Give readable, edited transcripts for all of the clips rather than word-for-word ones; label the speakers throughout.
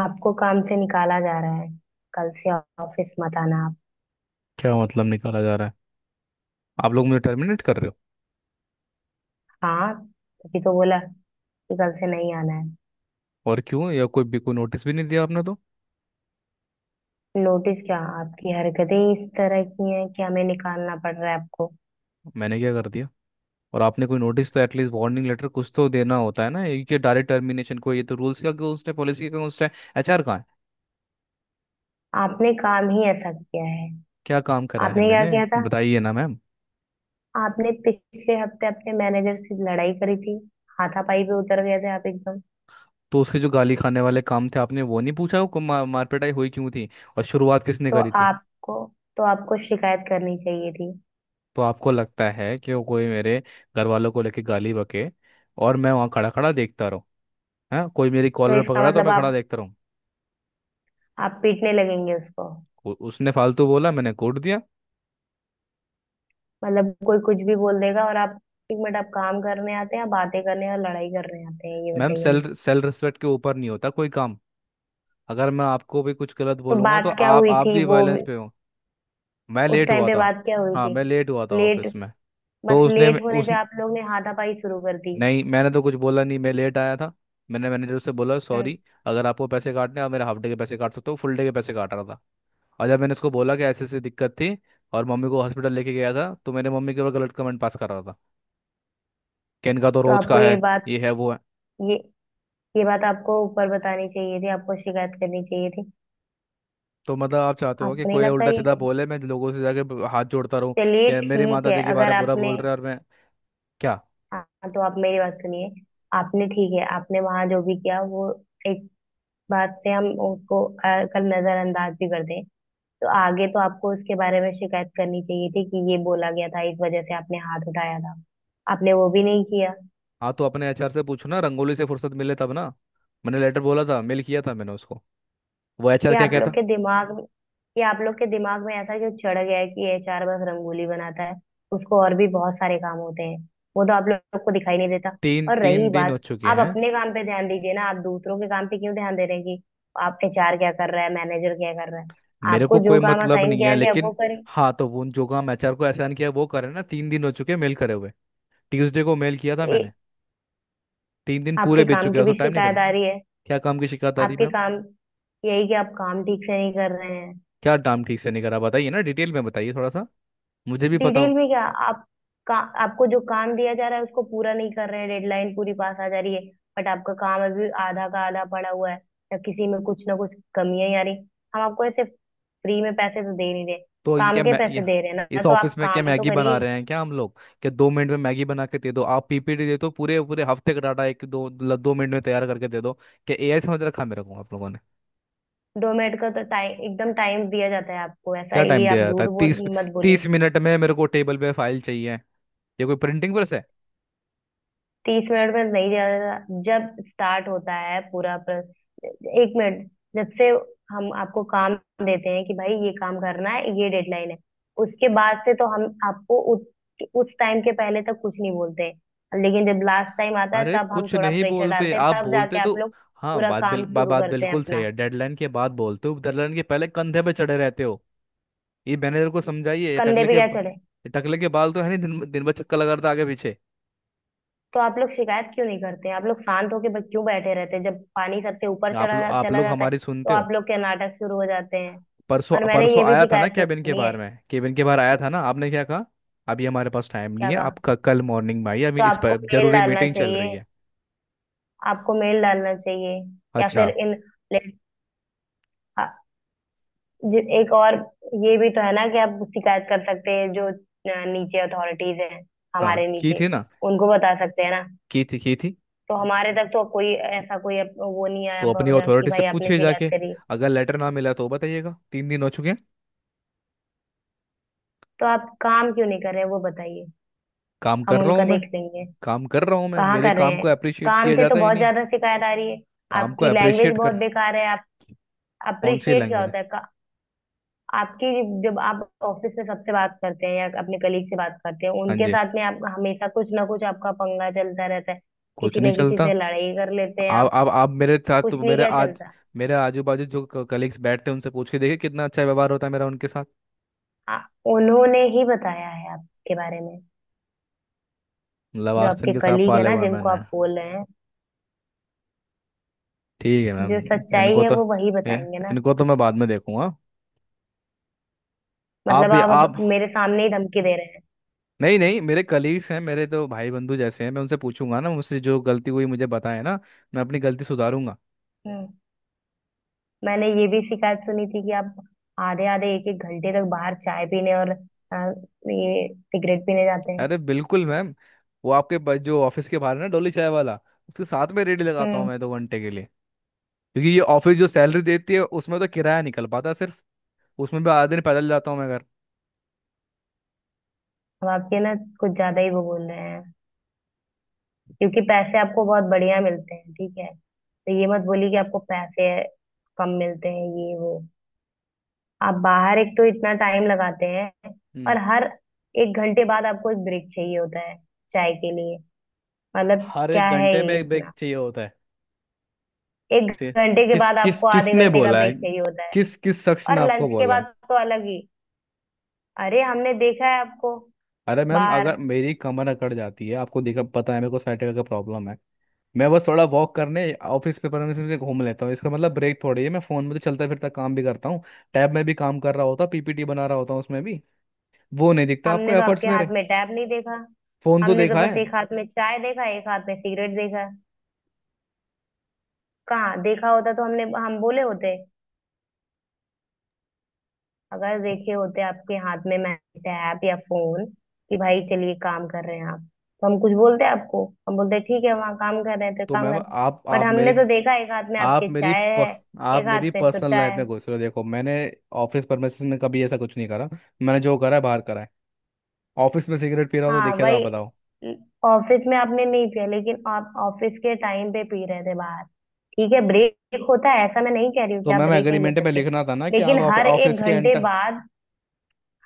Speaker 1: आपको काम से निकाला जा रहा है। कल से ऑफिस मत आना आप।
Speaker 2: क्या मतलब निकाला जा रहा है? आप लोग मुझे टर्मिनेट कर रहे हो?
Speaker 1: हाँ, तभी तो बोला कि कल से नहीं आना है।
Speaker 2: और क्यों? या कोई भी कोई नोटिस भी नहीं दिया आपने तो।
Speaker 1: नोटिस क्या, आपकी हरकतें ही इस तरह की हैं कि हमें निकालना पड़ रहा है आपको।
Speaker 2: मैंने क्या कर दिया? और आपने कोई नोटिस, तो एटलीस्ट वार्निंग लेटर कुछ तो देना होता है ना, ये कि डायरेक्ट टर्मिनेशन को, ये तो रूल्स का अगेंस्ट है, पॉलिसी का अगेंस्ट है। एचआर कहाँ है?
Speaker 1: आपने काम ही ऐसा किया है।
Speaker 2: क्या काम करा है
Speaker 1: आपने क्या
Speaker 2: मैंने?
Speaker 1: किया था?
Speaker 2: बताइए ना मैम।
Speaker 1: आपने पिछले हफ्ते अपने मैनेजर से लड़ाई करी थी। हाथापाई पे उतर गए थे आप एकदम।
Speaker 2: तो उसके जो गाली खाने वाले काम थे आपने वो नहीं पूछा। वो मारपिटाई हुई क्यों थी और शुरुआत किसने
Speaker 1: तो
Speaker 2: करी थी?
Speaker 1: आपको तो आपको शिकायत करनी चाहिए थी।
Speaker 2: तो आपको लगता है कि वो कोई मेरे घर वालों को लेके गाली बके और मैं वहाँ खड़ा खड़ा देखता रहूँ? है कोई मेरी
Speaker 1: तो
Speaker 2: कॉलर
Speaker 1: इसका
Speaker 2: पकड़ा तो
Speaker 1: मतलब
Speaker 2: मैं खड़ा
Speaker 1: आप
Speaker 2: देखता रहूँ?
Speaker 1: आप पीटने लगेंगे उसको?
Speaker 2: उसने फालतू बोला, मैंने कोड दिया।
Speaker 1: मतलब कोई कुछ भी बोल देगा और आप। एक मिनट, आप काम करने आते हैं या बातें करने या लड़ाई करने आते हैं, ये
Speaker 2: मैम,
Speaker 1: बताइए मुझे।
Speaker 2: सेल सेल रिस्पेक्ट के ऊपर नहीं होता कोई काम। अगर मैं आपको भी कुछ गलत
Speaker 1: तो
Speaker 2: बोलूंगा तो
Speaker 1: बात क्या
Speaker 2: आप
Speaker 1: हुई
Speaker 2: आप
Speaker 1: थी
Speaker 2: भी
Speaker 1: वो
Speaker 2: वायलेंस पे हो। मैं
Speaker 1: उस
Speaker 2: लेट
Speaker 1: टाइम
Speaker 2: हुआ
Speaker 1: पे
Speaker 2: था।
Speaker 1: बात क्या हुई
Speaker 2: हाँ,
Speaker 1: थी?
Speaker 2: मैं लेट हुआ था
Speaker 1: लेट?
Speaker 2: ऑफिस में। तो
Speaker 1: बस
Speaker 2: उसने
Speaker 1: लेट होने
Speaker 2: उस
Speaker 1: पे आप लोग ने हाथापाई शुरू कर दी?
Speaker 2: नहीं, मैंने तो कुछ बोला नहीं, मैं लेट आया था। मैंने मैनेजर से बोला
Speaker 1: हम्म।
Speaker 2: सॉरी। अगर आपको पैसे काटने हैं, आप मेरे हाफ डे के पैसे काट सकते हो, फुल डे के पैसे काट रहा था। और जब मैंने उसको बोला कि ऐसी ऐसी दिक्कत थी और मम्मी को हॉस्पिटल लेके गया था, तो मेरे मम्मी के ऊपर गलत कमेंट पास कर रहा था कि इनका तो
Speaker 1: तो
Speaker 2: रोज का
Speaker 1: आपको ये
Speaker 2: है,
Speaker 1: बात,
Speaker 2: ये है वो है।
Speaker 1: ये ये बात आपको ऊपर बतानी चाहिए थी। आपको शिकायत करनी चाहिए थी।
Speaker 2: तो मतलब आप चाहते हो कि
Speaker 1: आपको नहीं
Speaker 2: कोई
Speaker 1: लगता
Speaker 2: उल्टा
Speaker 1: ये?
Speaker 2: सीधा बोले, मैं लोगों से जाके हाथ जोड़ता रहूं?
Speaker 1: चलिए
Speaker 2: क्या मेरी
Speaker 1: ठीक
Speaker 2: माता
Speaker 1: है,
Speaker 2: जी के बारे
Speaker 1: अगर
Speaker 2: में बुरा
Speaker 1: आपने,
Speaker 2: बोल रहे हैं और मैं क्या?
Speaker 1: हाँ तो आप मेरी बात सुनिए। आपने, ठीक है, आपने वहां जो भी किया वो एक बात से हम उसको कल नजरअंदाज भी कर दें, तो आगे तो आपको उसके बारे में शिकायत करनी चाहिए थी कि ये बोला गया था, इस वजह से आपने हाथ उठाया था। आपने वो भी नहीं किया।
Speaker 2: हाँ, तो अपने एचआर से पूछो ना, रंगोली से फुर्सत मिले तब ना। मैंने लेटर बोला था, मेल किया था मैंने उसको, वो एचआर
Speaker 1: ये
Speaker 2: क्या
Speaker 1: आप लोग
Speaker 2: कहता।
Speaker 1: के दिमाग में ये आप लोग के दिमाग में ऐसा क्यों चढ़ गया है कि एचआर बस रंगोली बनाता है? उसको और भी बहुत सारे काम होते हैं, वो तो आप लोग को दिखाई नहीं देता।
Speaker 2: तीन
Speaker 1: और रही
Speaker 2: तीन दिन हो
Speaker 1: बात,
Speaker 2: चुके
Speaker 1: आप
Speaker 2: हैं।
Speaker 1: अपने काम पे ध्यान दीजिए ना। आप दूसरों के काम पे क्यों ध्यान दे रहे हैं कि आप, एचआर क्या कर रहा है, मैनेजर क्या कर रहा है।
Speaker 2: मेरे
Speaker 1: आपको
Speaker 2: को कोई
Speaker 1: जो काम
Speaker 2: मतलब
Speaker 1: असाइन
Speaker 2: नहीं है,
Speaker 1: किया गया वो
Speaker 2: लेकिन
Speaker 1: करें।
Speaker 2: हाँ, तो वो जो काम एचआर को असाइन किया वो करे ना, 3 दिन हो चुके हैं मेल करे हुए। ट्यूसडे को मेल किया था मैंने। 3 दिन पूरे
Speaker 1: आपके
Speaker 2: बीत
Speaker 1: काम
Speaker 2: चुके
Speaker 1: की
Speaker 2: हैं, तो
Speaker 1: भी
Speaker 2: टाइम नहीं मिला?
Speaker 1: शिकायत आ रही है।
Speaker 2: क्या काम की शिकायत आ रही
Speaker 1: आपके
Speaker 2: मैम?
Speaker 1: काम, यही कि आप काम ठीक से नहीं कर रहे हैं।
Speaker 2: क्या काम ठीक से नहीं करा, बताइए ना, डिटेल में बताइए थोड़ा सा, मुझे भी पता
Speaker 1: डिटेल
Speaker 2: हो।
Speaker 1: में क्या आप, आपको जो काम दिया जा रहा है उसको पूरा नहीं कर रहे हैं। डेडलाइन पूरी पास आ जा रही है बट आपका काम अभी आधा का आधा पड़ा हुआ है, या किसी में कुछ ना कुछ कमियां ही आ रही। हम आपको ऐसे फ्री में पैसे तो दे नहीं रहे।
Speaker 2: तो ये
Speaker 1: काम
Speaker 2: क्या
Speaker 1: के
Speaker 2: मैं ये,
Speaker 1: पैसे दे रहे हैं ना,
Speaker 2: इस
Speaker 1: तो
Speaker 2: ऑफिस
Speaker 1: आप
Speaker 2: में क्या
Speaker 1: काम तो
Speaker 2: मैगी बना
Speaker 1: करिए।
Speaker 2: रहे हैं क्या हम लोग? क्या 2 मिनट में मैगी बना के दे दो? आप पीपीटी दे दो, पूरे पूरे हफ्ते का डाटा एक दो 2 मिनट में तैयार करके दे दो? क्या एआई समझ रखा है मेरे को आप लोगों ने?
Speaker 1: दो मिनट का तो टाइम, एकदम टाइम दिया जाता है आपको, ऐसा
Speaker 2: क्या टाइम
Speaker 1: ये
Speaker 2: दिया
Speaker 1: आप
Speaker 2: जाता है?
Speaker 1: झूठ बोल
Speaker 2: तीस,
Speaker 1: मत बोलिए।
Speaker 2: 30 मिनट में मेरे को टेबल पे फाइल चाहिए। ये कोई प्रिंटिंग प्रेस है?
Speaker 1: तीस मिनट में नहीं, ज्यादा। जब स्टार्ट होता है पूरा एक मिनट, जब से हम आपको काम देते हैं कि भाई ये काम करना है, ये डेडलाइन है, उसके बाद से तो हम आपको उस टाइम के पहले तक कुछ नहीं बोलते हैं, लेकिन जब लास्ट टाइम आता है
Speaker 2: अरे
Speaker 1: तब हम
Speaker 2: कुछ
Speaker 1: थोड़ा
Speaker 2: नहीं
Speaker 1: प्रेशर
Speaker 2: बोलते?
Speaker 1: डालते हैं,
Speaker 2: आप
Speaker 1: तब
Speaker 2: बोलते
Speaker 1: जाके आप
Speaker 2: तो
Speaker 1: लोग
Speaker 2: हाँ,
Speaker 1: पूरा काम शुरू
Speaker 2: बात
Speaker 1: करते हैं
Speaker 2: बिल्कुल सही
Speaker 1: अपना।
Speaker 2: है। डेडलाइन के बाद बोलते हो, डेडलाइन के पहले कंधे पे चढ़े रहते हो। ये मैनेजर को समझाइए, ये
Speaker 1: कंधे
Speaker 2: टकले
Speaker 1: पे
Speaker 2: के,
Speaker 1: क्या चढ़े?
Speaker 2: ये टकले के बाल तो है नहीं, दिन दिन भर चक्कर लगा रहा था आगे पीछे।
Speaker 1: तो आप लोग शिकायत क्यों नहीं करते? आप लोग शांत होके बस क्यों बैठे रहते हैं? जब पानी सबसे ऊपर
Speaker 2: आप लोग आप
Speaker 1: चला
Speaker 2: लोग
Speaker 1: जाता है,
Speaker 2: हमारी
Speaker 1: तो
Speaker 2: सुनते हो?
Speaker 1: आप लोग के नाटक शुरू हो जाते हैं।
Speaker 2: परसों
Speaker 1: और मैंने
Speaker 2: परसों
Speaker 1: ये भी
Speaker 2: आया था ना
Speaker 1: शिकायत
Speaker 2: केबिन के
Speaker 1: सुनी है।
Speaker 2: बारे में, केबिन के बाहर आया था ना, आपने क्या कहा? अभी हमारे पास टाइम नहीं
Speaker 1: क्या
Speaker 2: है
Speaker 1: कहा?
Speaker 2: आपका, कल मॉर्निंग में आइए, अभी
Speaker 1: तो
Speaker 2: इस
Speaker 1: आपको
Speaker 2: पर
Speaker 1: मेल
Speaker 2: जरूरी
Speaker 1: डालना
Speaker 2: मीटिंग चल
Speaker 1: चाहिए।
Speaker 2: रही है।
Speaker 1: आपको मेल डालना चाहिए। या
Speaker 2: अच्छा।
Speaker 1: फिर इन ले- आ- जि- एक और ये भी तो है ना कि आप शिकायत कर सकते हैं जो नीचे अथॉरिटीज हैं,
Speaker 2: हाँ,
Speaker 1: हमारे
Speaker 2: की
Speaker 1: नीचे,
Speaker 2: थी ना,
Speaker 1: उनको बता सकते हैं ना।
Speaker 2: की थी की थी।
Speaker 1: तो हमारे तक तो कोई ऐसा, कोई वो नहीं आया
Speaker 2: तो अपनी
Speaker 1: पहुंचा कि
Speaker 2: अथॉरिटी से
Speaker 1: भाई आपने
Speaker 2: पूछिए
Speaker 1: शिकायत
Speaker 2: जाके,
Speaker 1: करी।
Speaker 2: अगर लेटर ना मिला तो बताइएगा, 3 दिन हो चुके हैं।
Speaker 1: तो आप काम क्यों नहीं कर रहे हैं, वो बताइए।
Speaker 2: काम
Speaker 1: हम
Speaker 2: कर रहा
Speaker 1: उनका
Speaker 2: हूँ मैं।
Speaker 1: देख लेंगे।
Speaker 2: काम कर रहा हूँ मैं,
Speaker 1: कहाँ
Speaker 2: मेरे
Speaker 1: कर रहे
Speaker 2: काम को
Speaker 1: हैं?
Speaker 2: अप्रिशिएट
Speaker 1: काम
Speaker 2: किया
Speaker 1: से तो
Speaker 2: जाता ही
Speaker 1: बहुत
Speaker 2: नहीं।
Speaker 1: ज्यादा शिकायत आ रही है।
Speaker 2: काम को
Speaker 1: आपकी लैंग्वेज
Speaker 2: अप्रिशिएट
Speaker 1: बहुत
Speaker 2: कर।
Speaker 1: बेकार है आप।
Speaker 2: कौन सी
Speaker 1: अप्रिशिएट क्या
Speaker 2: लैंग्वेज है?
Speaker 1: होता है आपकी। जब आप ऑफिस में सबसे बात करते हैं या अपने कलीग से बात करते हैं,
Speaker 2: हाँ
Speaker 1: उनके
Speaker 2: जी,
Speaker 1: साथ में आप हमेशा कुछ ना कुछ, आपका पंगा चलता रहता है।
Speaker 2: कुछ
Speaker 1: किसी
Speaker 2: नहीं
Speaker 1: न किसी
Speaker 2: चलता।
Speaker 1: से लड़ाई कर लेते हैं
Speaker 2: आप
Speaker 1: आप।
Speaker 2: आप आप मेरे साथ तो,
Speaker 1: कुछ नहीं क्या चलता।
Speaker 2: मेरे आजू बाजू जो कलीग्स बैठते हैं उनसे पूछ के देखिए कितना अच्छा व्यवहार होता है मेरा उनके साथ।
Speaker 1: आ, उन्होंने ही बताया है आपके बारे में।
Speaker 2: मतलब
Speaker 1: जो
Speaker 2: आस्तीन
Speaker 1: आपके
Speaker 2: के साथ
Speaker 1: कलीग है
Speaker 2: पाले
Speaker 1: ना,
Speaker 2: हुए हैं
Speaker 1: जिनको
Speaker 2: मैंने।
Speaker 1: आप बोल रहे हैं,
Speaker 2: ठीक है मैम।
Speaker 1: जो सच्चाई
Speaker 2: इनको
Speaker 1: है
Speaker 2: तो
Speaker 1: वो वही बताएंगे ना।
Speaker 2: इनको तो मैं बाद में देखूंगा। आप
Speaker 1: मतलब
Speaker 2: भी
Speaker 1: आप
Speaker 2: आप
Speaker 1: अब मेरे सामने ही धमकी दे रहे हैं।
Speaker 2: नहीं नहीं, मेरे कलीग्स हैं, मेरे तो भाई बंधु जैसे हैं, मैं उनसे पूछूंगा ना, मुझसे जो गलती हुई मुझे बताएं ना, मैं अपनी गलती सुधारूंगा।
Speaker 1: हम्म। मैंने ये भी शिकायत सुनी थी कि आप आधे आधे एक एक घंटे तक बाहर चाय पीने और ये सिगरेट पीने जाते हैं।
Speaker 2: अरे बिल्कुल मैम, वो आपके जो ऑफिस के बाहर है ना डोली चाय वाला, उसके साथ में रेडी लगाता हूँ
Speaker 1: हम्म।
Speaker 2: मैं 2 घंटे के लिए। क्योंकि ये ऑफिस जो सैलरी देती है उसमें तो किराया निकल पाता है सिर्फ, उसमें भी आधे दिन पैदल जाता हूँ मैं घर।
Speaker 1: अब आपके ना कुछ ज्यादा ही वो बोल रहे हैं क्योंकि पैसे आपको बहुत बढ़िया मिलते हैं, ठीक है? तो ये मत बोलिए कि आपको पैसे कम मिलते हैं, ये वो। आप बाहर एक तो इतना टाइम लगाते हैं, और
Speaker 2: हम्म।
Speaker 1: हर एक घंटे बाद आपको एक ब्रेक चाहिए होता है चाय के लिए। मतलब
Speaker 2: हर एक
Speaker 1: क्या है
Speaker 2: घंटे में
Speaker 1: ये
Speaker 2: एक ब्रेक
Speaker 1: इतना?
Speaker 2: चाहिए होता है।
Speaker 1: एक
Speaker 2: ठीक।
Speaker 1: घंटे के
Speaker 2: किस
Speaker 1: बाद
Speaker 2: किस
Speaker 1: आपको आधे
Speaker 2: किसने
Speaker 1: घंटे का
Speaker 2: बोला है?
Speaker 1: ब्रेक चाहिए होता है,
Speaker 2: किस किस शख्स ने
Speaker 1: और
Speaker 2: आपको
Speaker 1: लंच के
Speaker 2: बोला है?
Speaker 1: बाद तो अलग ही। अरे हमने देखा है आपको
Speaker 2: अरे मैम,
Speaker 1: बाहर।
Speaker 2: अगर मेरी कमर अकड़ जाती है, आपको देखा, पता है मेरे को साइटिका का प्रॉब्लम है, मैं बस थोड़ा वॉक करने ऑफिस पे परमिशन से घूम लेता हूँ, इसका मतलब ब्रेक थोड़ी है। मैं फोन में तो चलता फिरता काम भी करता हूँ, टैब में भी काम कर रहा होता, पीपीटी बना रहा होता हूँ उसमें भी। वो नहीं दिखता आपको
Speaker 1: हमने तो
Speaker 2: एफर्ट्स
Speaker 1: आपके हाथ
Speaker 2: मेरे।
Speaker 1: में टैब नहीं देखा।
Speaker 2: फोन तो
Speaker 1: हमने तो
Speaker 2: देखा है।
Speaker 1: बस एक हाथ में चाय देखा, एक हाथ में सिगरेट देखा। कहाँ देखा होता तो हमने हम बोले होते। अगर देखे होते आपके हाथ में मैं, टैब या फोन, कि भाई चलिए काम कर रहे हैं आप, तो हम कुछ बोलते आपको। हम बोलते ठीक है, वहाँ काम कर रहे हैं तो
Speaker 2: तो
Speaker 1: काम कर
Speaker 2: मैम
Speaker 1: रहे हैं।
Speaker 2: आप
Speaker 1: बट
Speaker 2: आप
Speaker 1: हमने
Speaker 2: मेरे,
Speaker 1: तो देखा एक हाथ में
Speaker 2: आप
Speaker 1: आपके
Speaker 2: मेरी
Speaker 1: चाय
Speaker 2: प,
Speaker 1: है,
Speaker 2: आप
Speaker 1: एक
Speaker 2: मेरी
Speaker 1: हाथ में
Speaker 2: पर्सनल
Speaker 1: सुट्टा
Speaker 2: लाइफ
Speaker 1: है।
Speaker 2: में घुस रहे हो। देखो, मैंने ऑफिस परमिसेस में कभी ऐसा कुछ नहीं करा। मैंने जो करा है बाहर करा है, ऑफिस में सिगरेट पी रहा हूं तो
Speaker 1: हाँ
Speaker 2: देखिए, तो आप
Speaker 1: वही।
Speaker 2: बताओ।
Speaker 1: ऑफिस में आपने नहीं पिया, लेकिन आप ऑफिस के टाइम पे पी रहे थे बाहर। ठीक है, ब्रेक होता है, ऐसा मैं नहीं कह रही हूँ
Speaker 2: तो
Speaker 1: कि आप
Speaker 2: मैम
Speaker 1: ब्रेक नहीं ले
Speaker 2: एग्रीमेंट में
Speaker 1: सकते।
Speaker 2: लिखना था ना कि आप
Speaker 1: लेकिन
Speaker 2: ऑफिस के एंटर।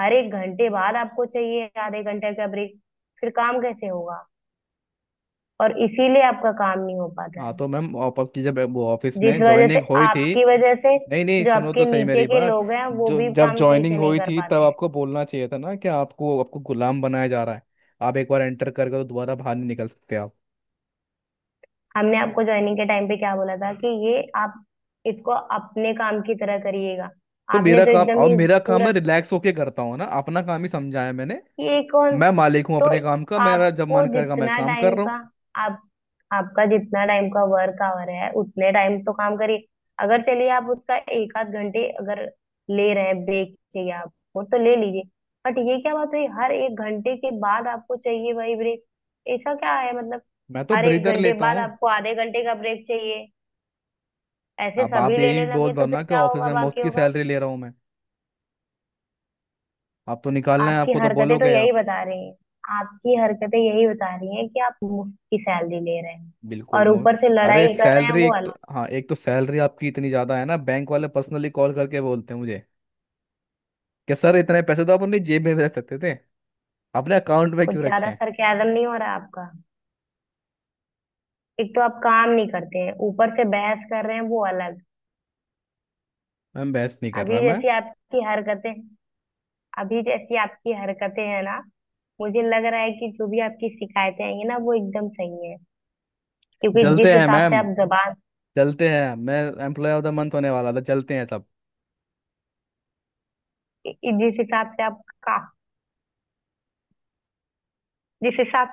Speaker 1: हर एक घंटे बाद आपको चाहिए आधे घंटे का ब्रेक? फिर काम कैसे होगा? और इसीलिए आपका काम नहीं हो पाता
Speaker 2: हाँ
Speaker 1: है।
Speaker 2: तो मैम आपकी जब वो ऑफिस
Speaker 1: जिस
Speaker 2: में
Speaker 1: वजह से,
Speaker 2: ज्वाइनिंग हुई थी।
Speaker 1: आपकी वजह से
Speaker 2: नहीं नहीं,
Speaker 1: जो
Speaker 2: सुनो
Speaker 1: आपके
Speaker 2: तो सही
Speaker 1: नीचे
Speaker 2: मेरी
Speaker 1: के
Speaker 2: बात,
Speaker 1: लोग हैं वो
Speaker 2: जो
Speaker 1: भी
Speaker 2: जब
Speaker 1: काम सही
Speaker 2: ज्वाइनिंग
Speaker 1: से नहीं
Speaker 2: हुई
Speaker 1: कर
Speaker 2: थी तब
Speaker 1: पाते हैं।
Speaker 2: आपको बोलना चाहिए था ना, कि आपको आपको गुलाम बनाया जा रहा है, आप एक बार एंटर करके तो दोबारा बाहर नहीं निकल सकते आप।
Speaker 1: हमने आपको ज्वाइनिंग के टाइम पे क्या बोला था कि ये आप इसको अपने काम की तरह करिएगा।
Speaker 2: तो
Speaker 1: आपने
Speaker 2: मेरा
Speaker 1: तो
Speaker 2: काम,
Speaker 1: एकदम
Speaker 2: और
Speaker 1: ही
Speaker 2: मेरा काम मैं
Speaker 1: पूरा,
Speaker 2: रिलैक्स होके करता हूँ ना, अपना काम ही समझाया मैंने।
Speaker 1: ये कौन।
Speaker 2: मैं मालिक हूँ
Speaker 1: तो
Speaker 2: अपने काम का, मेरा जब
Speaker 1: आपको
Speaker 2: मन करेगा मैं
Speaker 1: जितना
Speaker 2: काम कर
Speaker 1: टाइम
Speaker 2: रहा
Speaker 1: का,
Speaker 2: हूँ।
Speaker 1: आप आपका जितना टाइम का वर्क आवर है उतने टाइम तो काम करिए। अगर चलिए आप उसका एक आध घंटे अगर ले रहे हैं, ब्रेक चाहिए आपको तो ले लीजिए। बट ये क्या बात हुई हर एक घंटे के बाद आपको चाहिए वही ब्रेक? ऐसा क्या है मतलब?
Speaker 2: मैं तो
Speaker 1: हर एक
Speaker 2: ब्रीदर
Speaker 1: घंटे
Speaker 2: लेता
Speaker 1: बाद
Speaker 2: हूँ।
Speaker 1: आपको आधे घंटे का ब्रेक चाहिए? ऐसे
Speaker 2: अब
Speaker 1: सभी
Speaker 2: आप यही
Speaker 1: लेने
Speaker 2: बोल
Speaker 1: लगे
Speaker 2: दो
Speaker 1: तो
Speaker 2: ना
Speaker 1: फिर
Speaker 2: कि
Speaker 1: क्या
Speaker 2: ऑफिस
Speaker 1: होगा
Speaker 2: में मुफ्त की
Speaker 1: बाकियों का?
Speaker 2: सैलरी ले रहा हूँ मैं। आप तो निकालना है
Speaker 1: आपकी
Speaker 2: आपको तो
Speaker 1: हरकतें तो
Speaker 2: बोलोगे
Speaker 1: यही
Speaker 2: आप।
Speaker 1: बता रही हैं। आपकी हरकतें यही बता रही हैं कि आप मुफ्त की सैलरी ले रहे हैं,
Speaker 2: बिल्कुल
Speaker 1: और
Speaker 2: मो
Speaker 1: ऊपर से
Speaker 2: अरे
Speaker 1: लड़ाई कर रहे हैं
Speaker 2: सैलरी,
Speaker 1: वो
Speaker 2: एक तो
Speaker 1: अलग।
Speaker 2: हाँ, एक तो सैलरी आपकी इतनी ज्यादा है ना, बैंक वाले पर्सनली कॉल करके बोलते हैं मुझे कि सर, इतने पैसे तो आप अपनी जेब में भी रख सकते थे, अपने अकाउंट में
Speaker 1: कुछ
Speaker 2: क्यों रखे
Speaker 1: ज्यादा
Speaker 2: हैं?
Speaker 1: सरकाजम नहीं हो रहा आपका? एक तो आप काम नहीं करते हैं, ऊपर से बहस कर रहे हैं वो अलग।
Speaker 2: मैम, बहस नहीं कर रहा
Speaker 1: अभी
Speaker 2: मैं।
Speaker 1: जैसी आपकी हरकतें अभी जैसी आपकी हरकतें हैं ना, मुझे लग रहा है कि जो भी आपकी शिकायतें आई हैं ना वो एकदम सही है। क्योंकि
Speaker 2: जलते
Speaker 1: जिस
Speaker 2: हैं
Speaker 1: हिसाब से
Speaker 2: मैम,
Speaker 1: आप जबान,
Speaker 2: जलते हैं मैं, एम्प्लॉय ऑफ द मंथ होने वाला था, जलते हैं सब।
Speaker 1: जिस हिसाब से आप का जिस हिसाब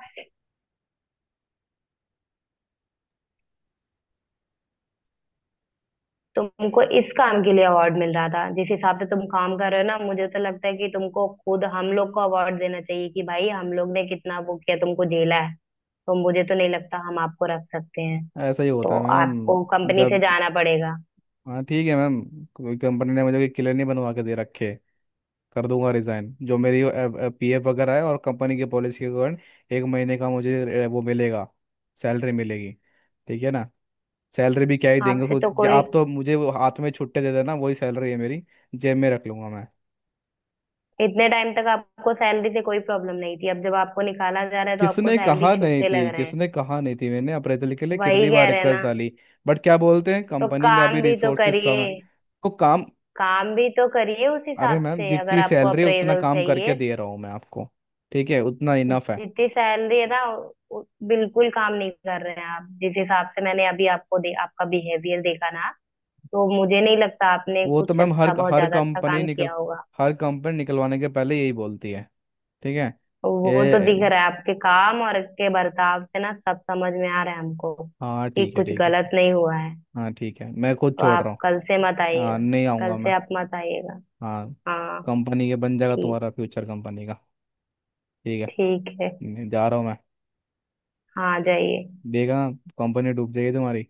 Speaker 1: तुमको इस काम के लिए अवार्ड मिल रहा था, जिस हिसाब से तुम काम कर रहे हो ना, मुझे तो लगता है कि तुमको खुद हम लोग को अवार्ड देना चाहिए कि भाई हम लोग ने कितना वो किया, तुमको झेला है। तो मुझे तो नहीं लगता हम आपको रख सकते हैं।
Speaker 2: ऐसा ही
Speaker 1: तो
Speaker 2: होता है मैम।
Speaker 1: आपको कंपनी से
Speaker 2: जब
Speaker 1: जाना पड़ेगा।
Speaker 2: हाँ ठीक है मैम, कोई कंपनी ने मुझे कोई क्लियर नहीं बनवा के दे रखे, कर दूंगा रिज़ाइन, जो मेरी पीएफ वगैरह है और कंपनी की पॉलिसी के कारण 1 महीने का मुझे वो मिलेगा, सैलरी मिलेगी। ठीक है ना। सैलरी भी क्या ही देंगे,
Speaker 1: आपसे
Speaker 2: खुद
Speaker 1: तो कोई,
Speaker 2: आप तो मुझे वो हाथ में छुट्टे दे देना, वही सैलरी है मेरी, जेब में रख लूंगा मैं।
Speaker 1: इतने टाइम तक आपको सैलरी से कोई प्रॉब्लम नहीं थी, अब जब आपको निकाला जा रहा है तो आपको
Speaker 2: किसने
Speaker 1: सैलरी
Speaker 2: कहा नहीं
Speaker 1: छुट्टे लग
Speaker 2: थी,
Speaker 1: रहे हैं।
Speaker 2: किसने कहा नहीं थी, मैंने अप्रेजल के लिए
Speaker 1: वही
Speaker 2: कितनी बार
Speaker 1: कह रहे हैं ना।
Speaker 2: रिक्वेस्ट डाली, बट क्या बोलते हैं
Speaker 1: तो
Speaker 2: कंपनी में अभी
Speaker 1: काम भी तो
Speaker 2: रिसोर्सेज
Speaker 1: करिए।
Speaker 2: कम है। तो काम
Speaker 1: काम भी तो करिए उस
Speaker 2: अरे
Speaker 1: हिसाब
Speaker 2: मैम,
Speaker 1: से, अगर
Speaker 2: जितनी
Speaker 1: आपको
Speaker 2: सैलरी है, उतना
Speaker 1: अप्रेजल
Speaker 2: काम करके
Speaker 1: चाहिए।
Speaker 2: दे रहा हूँ मैं आपको, ठीक है, उतना इनफ है।
Speaker 1: जितनी सैलरी है ना, बिल्कुल काम नहीं कर रहे हैं आप। जिस हिसाब से मैंने अभी आपको आपका बिहेवियर देखा ना, तो मुझे नहीं लगता आपने
Speaker 2: वो तो
Speaker 1: कुछ
Speaker 2: मैम हर
Speaker 1: अच्छा, बहुत
Speaker 2: हर
Speaker 1: ज्यादा अच्छा
Speaker 2: कंपनी
Speaker 1: काम
Speaker 2: निकल
Speaker 1: किया होगा।
Speaker 2: हर कंपनी निकलवाने के पहले यही बोलती है, ठीक है।
Speaker 1: वो तो दिख
Speaker 2: ये
Speaker 1: रहा है आपके काम और आपके बर्ताव से ना। सब समझ में आ रहा है हमको
Speaker 2: हाँ
Speaker 1: कि
Speaker 2: ठीक है
Speaker 1: कुछ
Speaker 2: ठीक है,
Speaker 1: गलत नहीं हुआ है।
Speaker 2: हाँ ठीक है, मैं खुद
Speaker 1: तो
Speaker 2: छोड़ रहा
Speaker 1: आप कल
Speaker 2: हूँ।
Speaker 1: से मत
Speaker 2: हाँ,
Speaker 1: आइएगा।
Speaker 2: नहीं
Speaker 1: कल
Speaker 2: आऊँगा
Speaker 1: से
Speaker 2: मैं।
Speaker 1: आप मत आइएगा।
Speaker 2: हाँ।
Speaker 1: हाँ।
Speaker 2: कंपनी के बन जाएगा,
Speaker 1: ठीक।
Speaker 2: तुम्हारा फ्यूचर कंपनी का। ठीक है।
Speaker 1: ठीक है।
Speaker 2: नहीं, जा रहा हूँ मैं।
Speaker 1: हाँ, आ जाइए।
Speaker 2: देखा, कंपनी डूब जाएगी तुम्हारी।